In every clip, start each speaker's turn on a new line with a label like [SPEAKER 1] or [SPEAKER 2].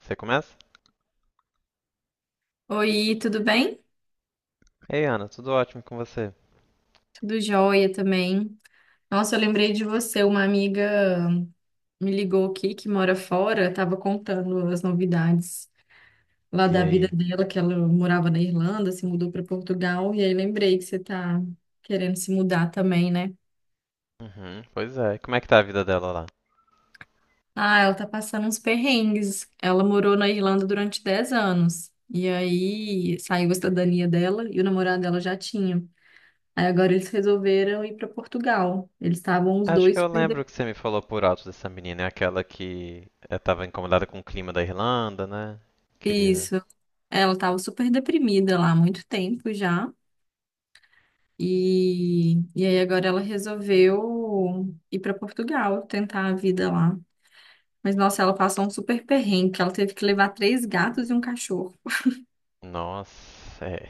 [SPEAKER 1] Você começa?
[SPEAKER 2] Oi, tudo bem?
[SPEAKER 1] Ei, Ana, tudo ótimo com você?
[SPEAKER 2] Tudo jóia também. Nossa, eu lembrei de você, uma amiga me ligou aqui que mora fora, estava contando as novidades lá
[SPEAKER 1] E
[SPEAKER 2] da vida
[SPEAKER 1] aí?
[SPEAKER 2] dela, que ela morava na Irlanda, se mudou para Portugal, e aí lembrei que você tá querendo se mudar também, né?
[SPEAKER 1] Uhum, pois é. Como é que tá a vida dela lá?
[SPEAKER 2] Ah, ela tá passando uns perrengues. Ela morou na Irlanda durante 10 anos. E aí saiu a cidadania dela e o namorado dela já tinha. Aí agora eles resolveram ir para Portugal. Eles estavam os
[SPEAKER 1] Acho que
[SPEAKER 2] dois.
[SPEAKER 1] eu lembro que você me falou por alto dessa menina, é aquela que tava incomodada com o clima da Irlanda, né? Queria.
[SPEAKER 2] Isso. Ela tava super deprimida lá há muito tempo já. E aí agora ela resolveu ir para Portugal, tentar a vida lá. Mas nossa, ela passou um super perrengue, que ela teve que levar três gatos e um cachorro.
[SPEAKER 1] Nossa, é.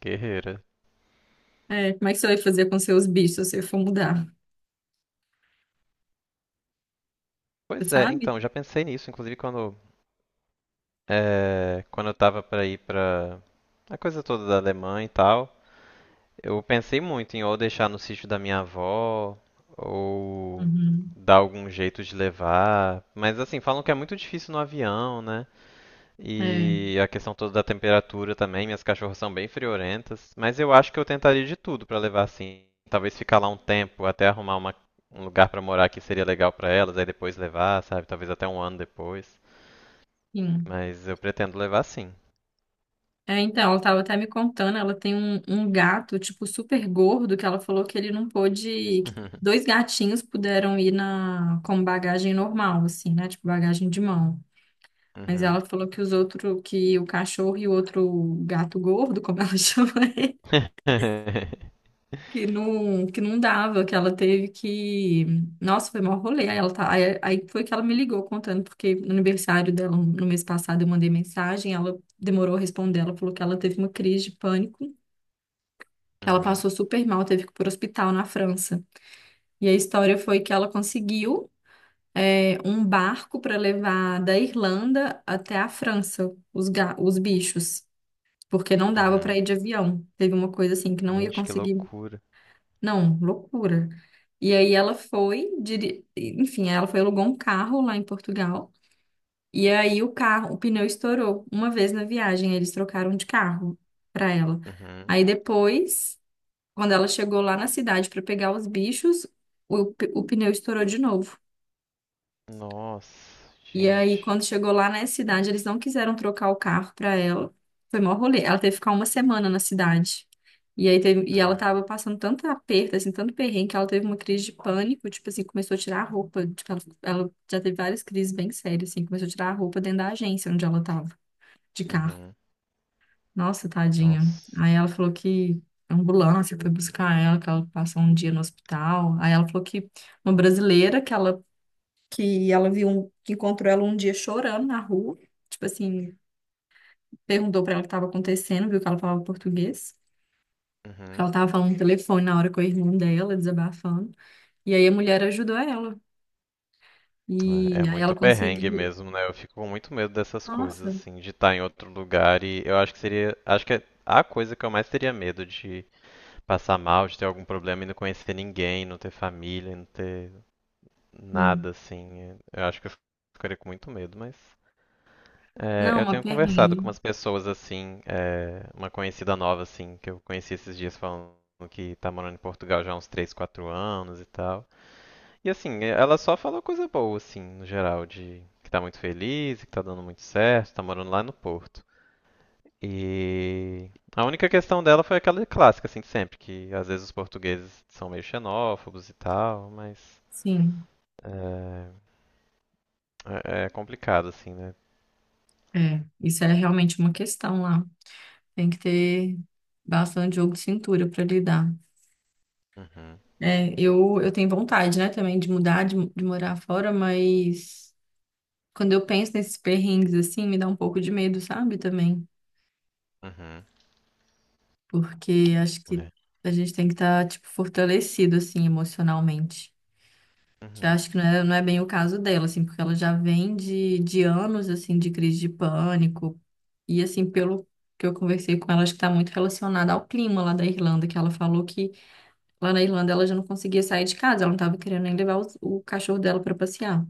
[SPEAKER 1] Guerreira.
[SPEAKER 2] É, como é que você vai fazer com seus bichos se você for mudar? Você
[SPEAKER 1] Pois é,
[SPEAKER 2] sabe?
[SPEAKER 1] então, já pensei nisso, inclusive quando eu tava pra ir pra. A coisa toda da Alemanha e tal. Eu pensei muito em ou deixar no sítio da minha avó, ou
[SPEAKER 2] Uhum.
[SPEAKER 1] dar algum jeito de levar. Mas assim, falam que é muito difícil no avião, né?
[SPEAKER 2] É,
[SPEAKER 1] E a questão toda da temperatura também, minhas cachorras são bem friorentas. Mas eu acho que eu tentaria de tudo pra levar assim. Talvez ficar lá um tempo até arrumar um lugar pra morar que seria legal pra elas, aí depois levar, sabe? Talvez até um ano depois.
[SPEAKER 2] sim.
[SPEAKER 1] Mas eu pretendo levar sim.
[SPEAKER 2] É, então, ela tava até me contando, ela tem um gato, tipo, super gordo, que ela falou que ele não pôde, que dois gatinhos puderam ir na, com bagagem normal, assim, né? Tipo, bagagem de mão. Mas
[SPEAKER 1] Uhum.
[SPEAKER 2] ela falou que os outros, que o cachorro e o outro gato gordo, como ela chama, que não dava, que ela teve que. Nossa, foi mó rolê. Aí, ela tá... aí foi que ela me ligou contando, porque no aniversário dela, no mês passado, eu mandei mensagem, ela demorou a responder, ela falou que ela teve uma crise de pânico. Ela
[SPEAKER 1] Uhum.
[SPEAKER 2] passou super mal, teve que ir para o hospital na França. E a história foi que ela conseguiu um barco para levar da Irlanda até a França os bichos, porque não
[SPEAKER 1] Uhum.
[SPEAKER 2] dava para
[SPEAKER 1] Uhum.
[SPEAKER 2] ir de avião. Teve uma coisa assim que não ia
[SPEAKER 1] Gente, que
[SPEAKER 2] conseguir.
[SPEAKER 1] loucura.
[SPEAKER 2] Não, loucura. E aí ela foi, enfim, ela foi alugou um carro lá em Portugal. E aí o carro, o pneu estourou uma vez na viagem, eles trocaram de carro para ela.
[SPEAKER 1] Uhum.
[SPEAKER 2] Aí depois, quando ela chegou lá na cidade para pegar os bichos, o pneu estourou de novo.
[SPEAKER 1] Nossa,
[SPEAKER 2] E aí,
[SPEAKER 1] gente.
[SPEAKER 2] quando chegou lá na cidade, eles não quiseram trocar o carro para ela. Foi mó rolê. Ela teve que ficar uma semana na cidade. E aí teve, e ela
[SPEAKER 1] Uhum.
[SPEAKER 2] tava passando tanto aperto, assim, tanto perrengue, que ela teve uma crise de pânico, tipo assim, começou a tirar a roupa. Tipo, ela já teve várias crises bem sérias, assim, começou a tirar a roupa dentro da agência onde ela tava, de carro.
[SPEAKER 1] Uhum.
[SPEAKER 2] Nossa, tadinha.
[SPEAKER 1] Nossa.
[SPEAKER 2] Aí ela falou que a ambulância foi buscar ela, que ela passou um dia no hospital. Aí ela falou que uma brasileira que encontrou ela um dia chorando na rua, tipo assim, perguntou pra ela o que estava acontecendo, viu que ela falava português.
[SPEAKER 1] Uhum.
[SPEAKER 2] Ela tava falando no telefone na hora com a irmã dela, desabafando. E aí a mulher ajudou ela.
[SPEAKER 1] É, é
[SPEAKER 2] E aí ela
[SPEAKER 1] muito perrengue
[SPEAKER 2] conseguiu.
[SPEAKER 1] mesmo, né? Eu fico com muito medo dessas coisas,
[SPEAKER 2] Nossa,
[SPEAKER 1] assim, de estar em outro lugar e eu acho que seria, acho que é a coisa que eu mais teria medo de passar mal, de ter algum problema e não conhecer ninguém, não ter família, não ter
[SPEAKER 2] sim.
[SPEAKER 1] nada, assim. Eu acho que eu ficaria com muito medo, mas é,
[SPEAKER 2] Não,
[SPEAKER 1] eu
[SPEAKER 2] uma
[SPEAKER 1] tenho conversado
[SPEAKER 2] perrengue.
[SPEAKER 1] com umas pessoas assim, é, uma conhecida nova assim, que eu conheci esses dias falando que tá morando em Portugal já há uns 3, 4 anos e tal. E assim, é, ela só falou coisa boa assim, no geral, de que tá muito feliz, que tá dando muito certo, tá morando lá no Porto. E a única questão dela foi aquela clássica assim de sempre, que às vezes os portugueses são meio xenófobos e tal, mas
[SPEAKER 2] Sim.
[SPEAKER 1] é, é complicado assim, né?
[SPEAKER 2] É, isso é realmente uma questão lá. Tem que ter bastante jogo de cintura para lidar.
[SPEAKER 1] Uhum,
[SPEAKER 2] É, eu tenho vontade, né, também de mudar, de morar fora, mas quando eu penso nesses perrengues assim, me dá um pouco de medo, sabe, também.
[SPEAKER 1] uhum,
[SPEAKER 2] Porque acho que
[SPEAKER 1] é,
[SPEAKER 2] a gente tem que estar, tipo, fortalecido, assim, emocionalmente. Que
[SPEAKER 1] uhum.
[SPEAKER 2] acho que não é bem o caso dela, assim, porque ela já vem de anos, assim, de crise de pânico. E, assim, pelo que eu conversei com ela, acho que está muito relacionada ao clima lá da Irlanda, que ela falou que lá na Irlanda, ela já não conseguia sair de casa, ela não estava querendo nem o cachorro dela para passear.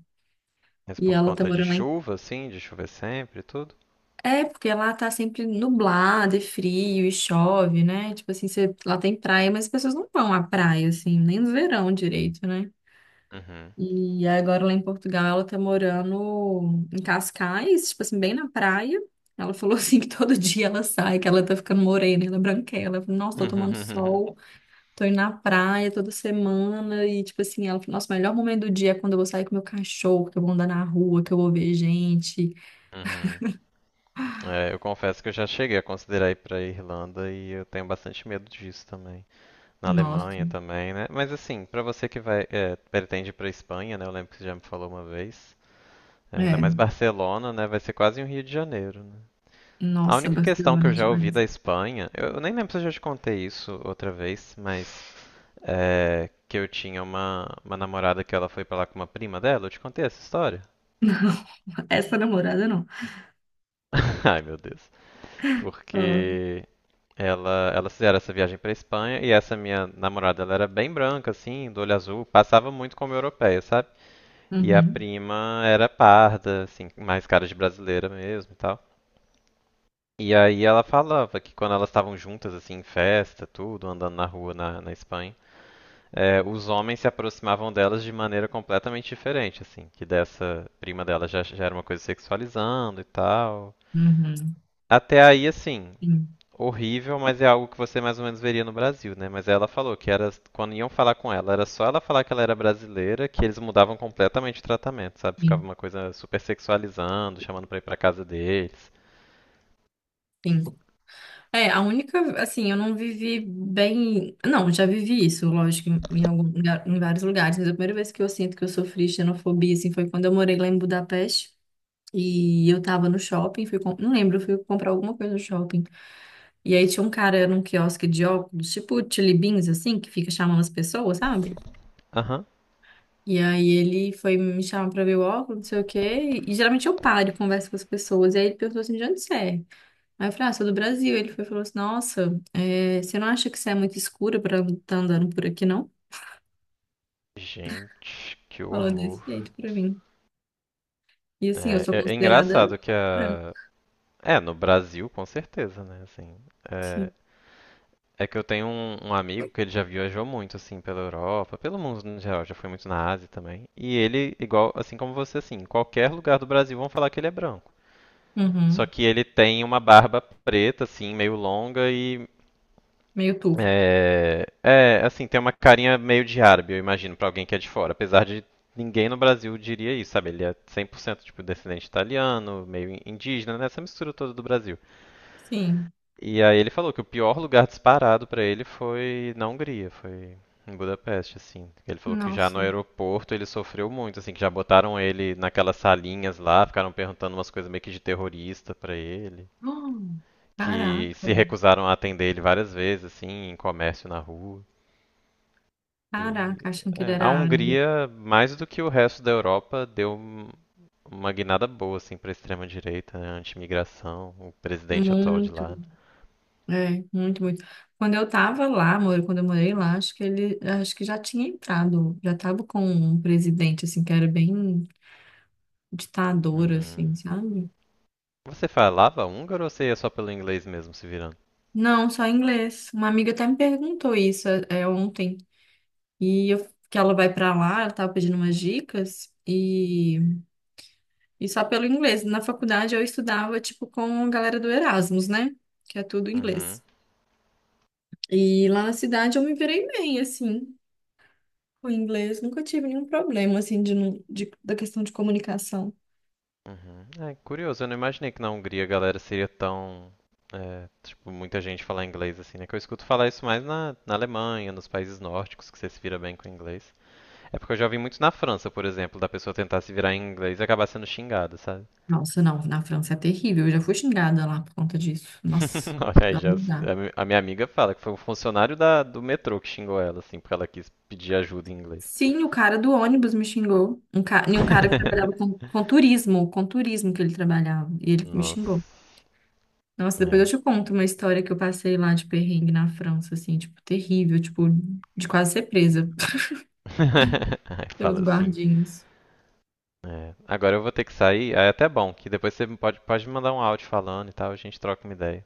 [SPEAKER 1] Mas
[SPEAKER 2] E
[SPEAKER 1] por
[SPEAKER 2] ela tá
[SPEAKER 1] conta de
[SPEAKER 2] morando lá em...
[SPEAKER 1] chuva, assim, de chover sempre e tudo?
[SPEAKER 2] É, porque lá tá sempre nublado, é frio e chove, né? Tipo assim, você- lá tem praia, mas as pessoas não vão à praia, assim, nem no verão direito, né?
[SPEAKER 1] Uhum.
[SPEAKER 2] E agora lá em Portugal, ela tá morando em Cascais, tipo assim, bem na praia. Ela falou assim que todo dia ela sai, que ela tá ficando morena, ela é branquela. Eu falei, nossa, tô tomando sol. Tô indo na praia toda semana e, tipo assim, ela falou, nossa, o melhor momento do dia é quando eu vou sair com meu cachorro, que eu vou andar na rua, que eu vou ver gente.
[SPEAKER 1] Uhum. É, eu confesso que eu já cheguei a considerar ir pra Irlanda e eu tenho bastante medo disso também. Na
[SPEAKER 2] Nossa,
[SPEAKER 1] Alemanha também, né? Mas assim, pra você que vai, é, pretende ir pra Espanha, né? Eu lembro que você já me falou uma vez. É, ainda mais
[SPEAKER 2] é,
[SPEAKER 1] Barcelona, né? Vai ser quase um Rio de Janeiro, né? A
[SPEAKER 2] nossa,
[SPEAKER 1] única questão que
[SPEAKER 2] Barcelona é
[SPEAKER 1] eu já ouvi
[SPEAKER 2] demais.
[SPEAKER 1] da Espanha, eu nem lembro se eu já te contei isso outra vez, mas é, que eu tinha uma namorada que ela foi pra lá com uma prima dela. Eu te contei essa história?
[SPEAKER 2] Não, essa namorada não.
[SPEAKER 1] Ai, meu Deus.
[SPEAKER 2] Ah,
[SPEAKER 1] Porque ela, elas fizeram essa viagem pra Espanha e essa minha namorada, ela era bem branca, assim, do olho azul, passava muito como europeia, sabe? E a
[SPEAKER 2] uhum,
[SPEAKER 1] prima era parda, assim, mais cara de brasileira mesmo e tal. E aí ela falava que quando elas estavam juntas, assim, em festa, tudo, andando na rua na Espanha, é, os homens se aproximavam delas de maneira completamente diferente, assim, que dessa prima dela já era uma coisa sexualizando e tal.
[SPEAKER 2] uhum,
[SPEAKER 1] Até aí, assim,
[SPEAKER 2] sim,
[SPEAKER 1] horrível, mas é algo que você mais ou menos veria no Brasil, né? Mas ela falou que era quando iam falar com ela, era só ela falar que ela era brasileira, que eles mudavam completamente o tratamento, sabe? Ficava
[SPEAKER 2] sim,
[SPEAKER 1] uma coisa super sexualizando, chamando pra ir pra casa deles.
[SPEAKER 2] sim. É, a única, assim, eu não vivi bem. Não, já vivi isso, lógico, em, em algum lugar- em vários lugares, mas a primeira vez que eu sinto que eu sofri xenofobia, assim, foi quando eu morei lá em Budapeste. E eu tava no shopping, não lembro, fui comprar alguma coisa no shopping. E aí tinha um cara num quiosque de óculos, tipo Chili Beans, assim, que fica chamando as pessoas, sabe?
[SPEAKER 1] Aham.
[SPEAKER 2] E aí ele foi me chamar pra ver o óculos, não sei o quê. E geralmente eu paro e converso com as pessoas. E aí ele perguntou assim, de onde você é? Aí eu falei, ah, sou do Brasil. Ele foi, e falou assim, nossa, é, você não acha que você é muito escura pra estar andando por aqui, não?
[SPEAKER 1] Gente, que
[SPEAKER 2] Falou
[SPEAKER 1] horror.
[SPEAKER 2] desse jeito pra mim. E assim, eu
[SPEAKER 1] É,
[SPEAKER 2] sou
[SPEAKER 1] é
[SPEAKER 2] considerada
[SPEAKER 1] engraçado que
[SPEAKER 2] branca.
[SPEAKER 1] a. É, no Brasil, com certeza, né? Assim, é,
[SPEAKER 2] Sim.
[SPEAKER 1] é que eu tenho um amigo que ele já viajou muito, assim, pela Europa, pelo mundo no geral, já foi muito na Ásia também. E ele, igual, assim como você, assim, em qualquer lugar do Brasil vão falar que ele é branco. Só
[SPEAKER 2] Uhum.
[SPEAKER 1] que ele tem uma barba preta, assim, meio longa e.
[SPEAKER 2] Meio turco.
[SPEAKER 1] É, é assim, tem uma carinha meio de árabe, eu imagino, pra alguém que é de fora. Apesar de ninguém no Brasil diria isso, sabe? Ele é 100% tipo descendente italiano, meio indígena, né? Essa mistura toda do Brasil.
[SPEAKER 2] Sim.
[SPEAKER 1] E aí ele falou que o pior lugar disparado pra ele foi na Hungria, foi em Budapeste, assim. Ele falou que já no
[SPEAKER 2] Nossa.
[SPEAKER 1] aeroporto ele sofreu muito, assim, que já botaram ele naquelas salinhas lá, ficaram perguntando umas coisas meio que de terrorista pra ele,
[SPEAKER 2] Hum, caraca,
[SPEAKER 1] que se recusaram a atender ele várias vezes, assim, em comércio na rua. E
[SPEAKER 2] caraca, achando que ele
[SPEAKER 1] é, a
[SPEAKER 2] era árabe.
[SPEAKER 1] Hungria, mais do que o resto da Europa, uma guinada boa, assim, pra extrema-direita, né, anti-imigração, o presidente atual de
[SPEAKER 2] Muito,
[SPEAKER 1] lá. Né.
[SPEAKER 2] é, muito, muito. Quando eu tava lá, amor, quando eu morei lá, acho que ele, acho que já tinha entrado, já tava com um presidente, assim, que era bem ditador, assim,
[SPEAKER 1] Uhum.
[SPEAKER 2] sabe?
[SPEAKER 1] Você falava húngaro ou você ia só pelo inglês mesmo, se virando?
[SPEAKER 2] Não, só inglês. Uma amiga até me perguntou isso, ontem, que ela vai pra lá, ela tava pedindo umas dicas, e só pelo inglês. Na faculdade eu estudava, tipo, com a galera do Erasmus, né? Que é tudo
[SPEAKER 1] Uhum,
[SPEAKER 2] inglês. E lá na cidade eu me virei bem, assim, com inglês. Nunca tive nenhum problema, assim, da questão de comunicação.
[SPEAKER 1] uhum. É curioso, eu não imaginei que na Hungria a galera seria tão. É, tipo, muita gente falar inglês assim, né? Que eu escuto falar isso mais na Alemanha, nos países nórdicos, que você se vira bem com inglês. É porque eu já vi muito na França, por exemplo, da pessoa tentar se virar em inglês e acabar sendo xingada, sabe?
[SPEAKER 2] Nossa, não, na França é terrível. Eu já fui xingada lá por conta disso. Nossa,
[SPEAKER 1] Olha aí,
[SPEAKER 2] dá um
[SPEAKER 1] já,
[SPEAKER 2] lugar.
[SPEAKER 1] a minha amiga fala que foi um funcionário da, do metrô que xingou ela, assim, porque ela quis pedir ajuda em inglês.
[SPEAKER 2] Sim, o cara do ônibus me xingou. Um ca... E um cara que trabalhava com turismo, que ele trabalhava. E ele me
[SPEAKER 1] Nossa,
[SPEAKER 2] xingou. Nossa, depois
[SPEAKER 1] é.
[SPEAKER 2] eu te conto uma história que eu passei lá de perrengue na França, assim, tipo, terrível, tipo, de quase ser presa
[SPEAKER 1] Aí
[SPEAKER 2] pelos
[SPEAKER 1] fala assim.
[SPEAKER 2] guardinhas.
[SPEAKER 1] É, agora eu vou ter que sair. Aí é até bom, que depois você pode me mandar um áudio falando e tal, a gente troca uma ideia.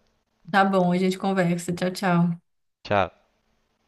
[SPEAKER 2] Tá bom, a gente conversa. Tchau, tchau.
[SPEAKER 1] Tchau.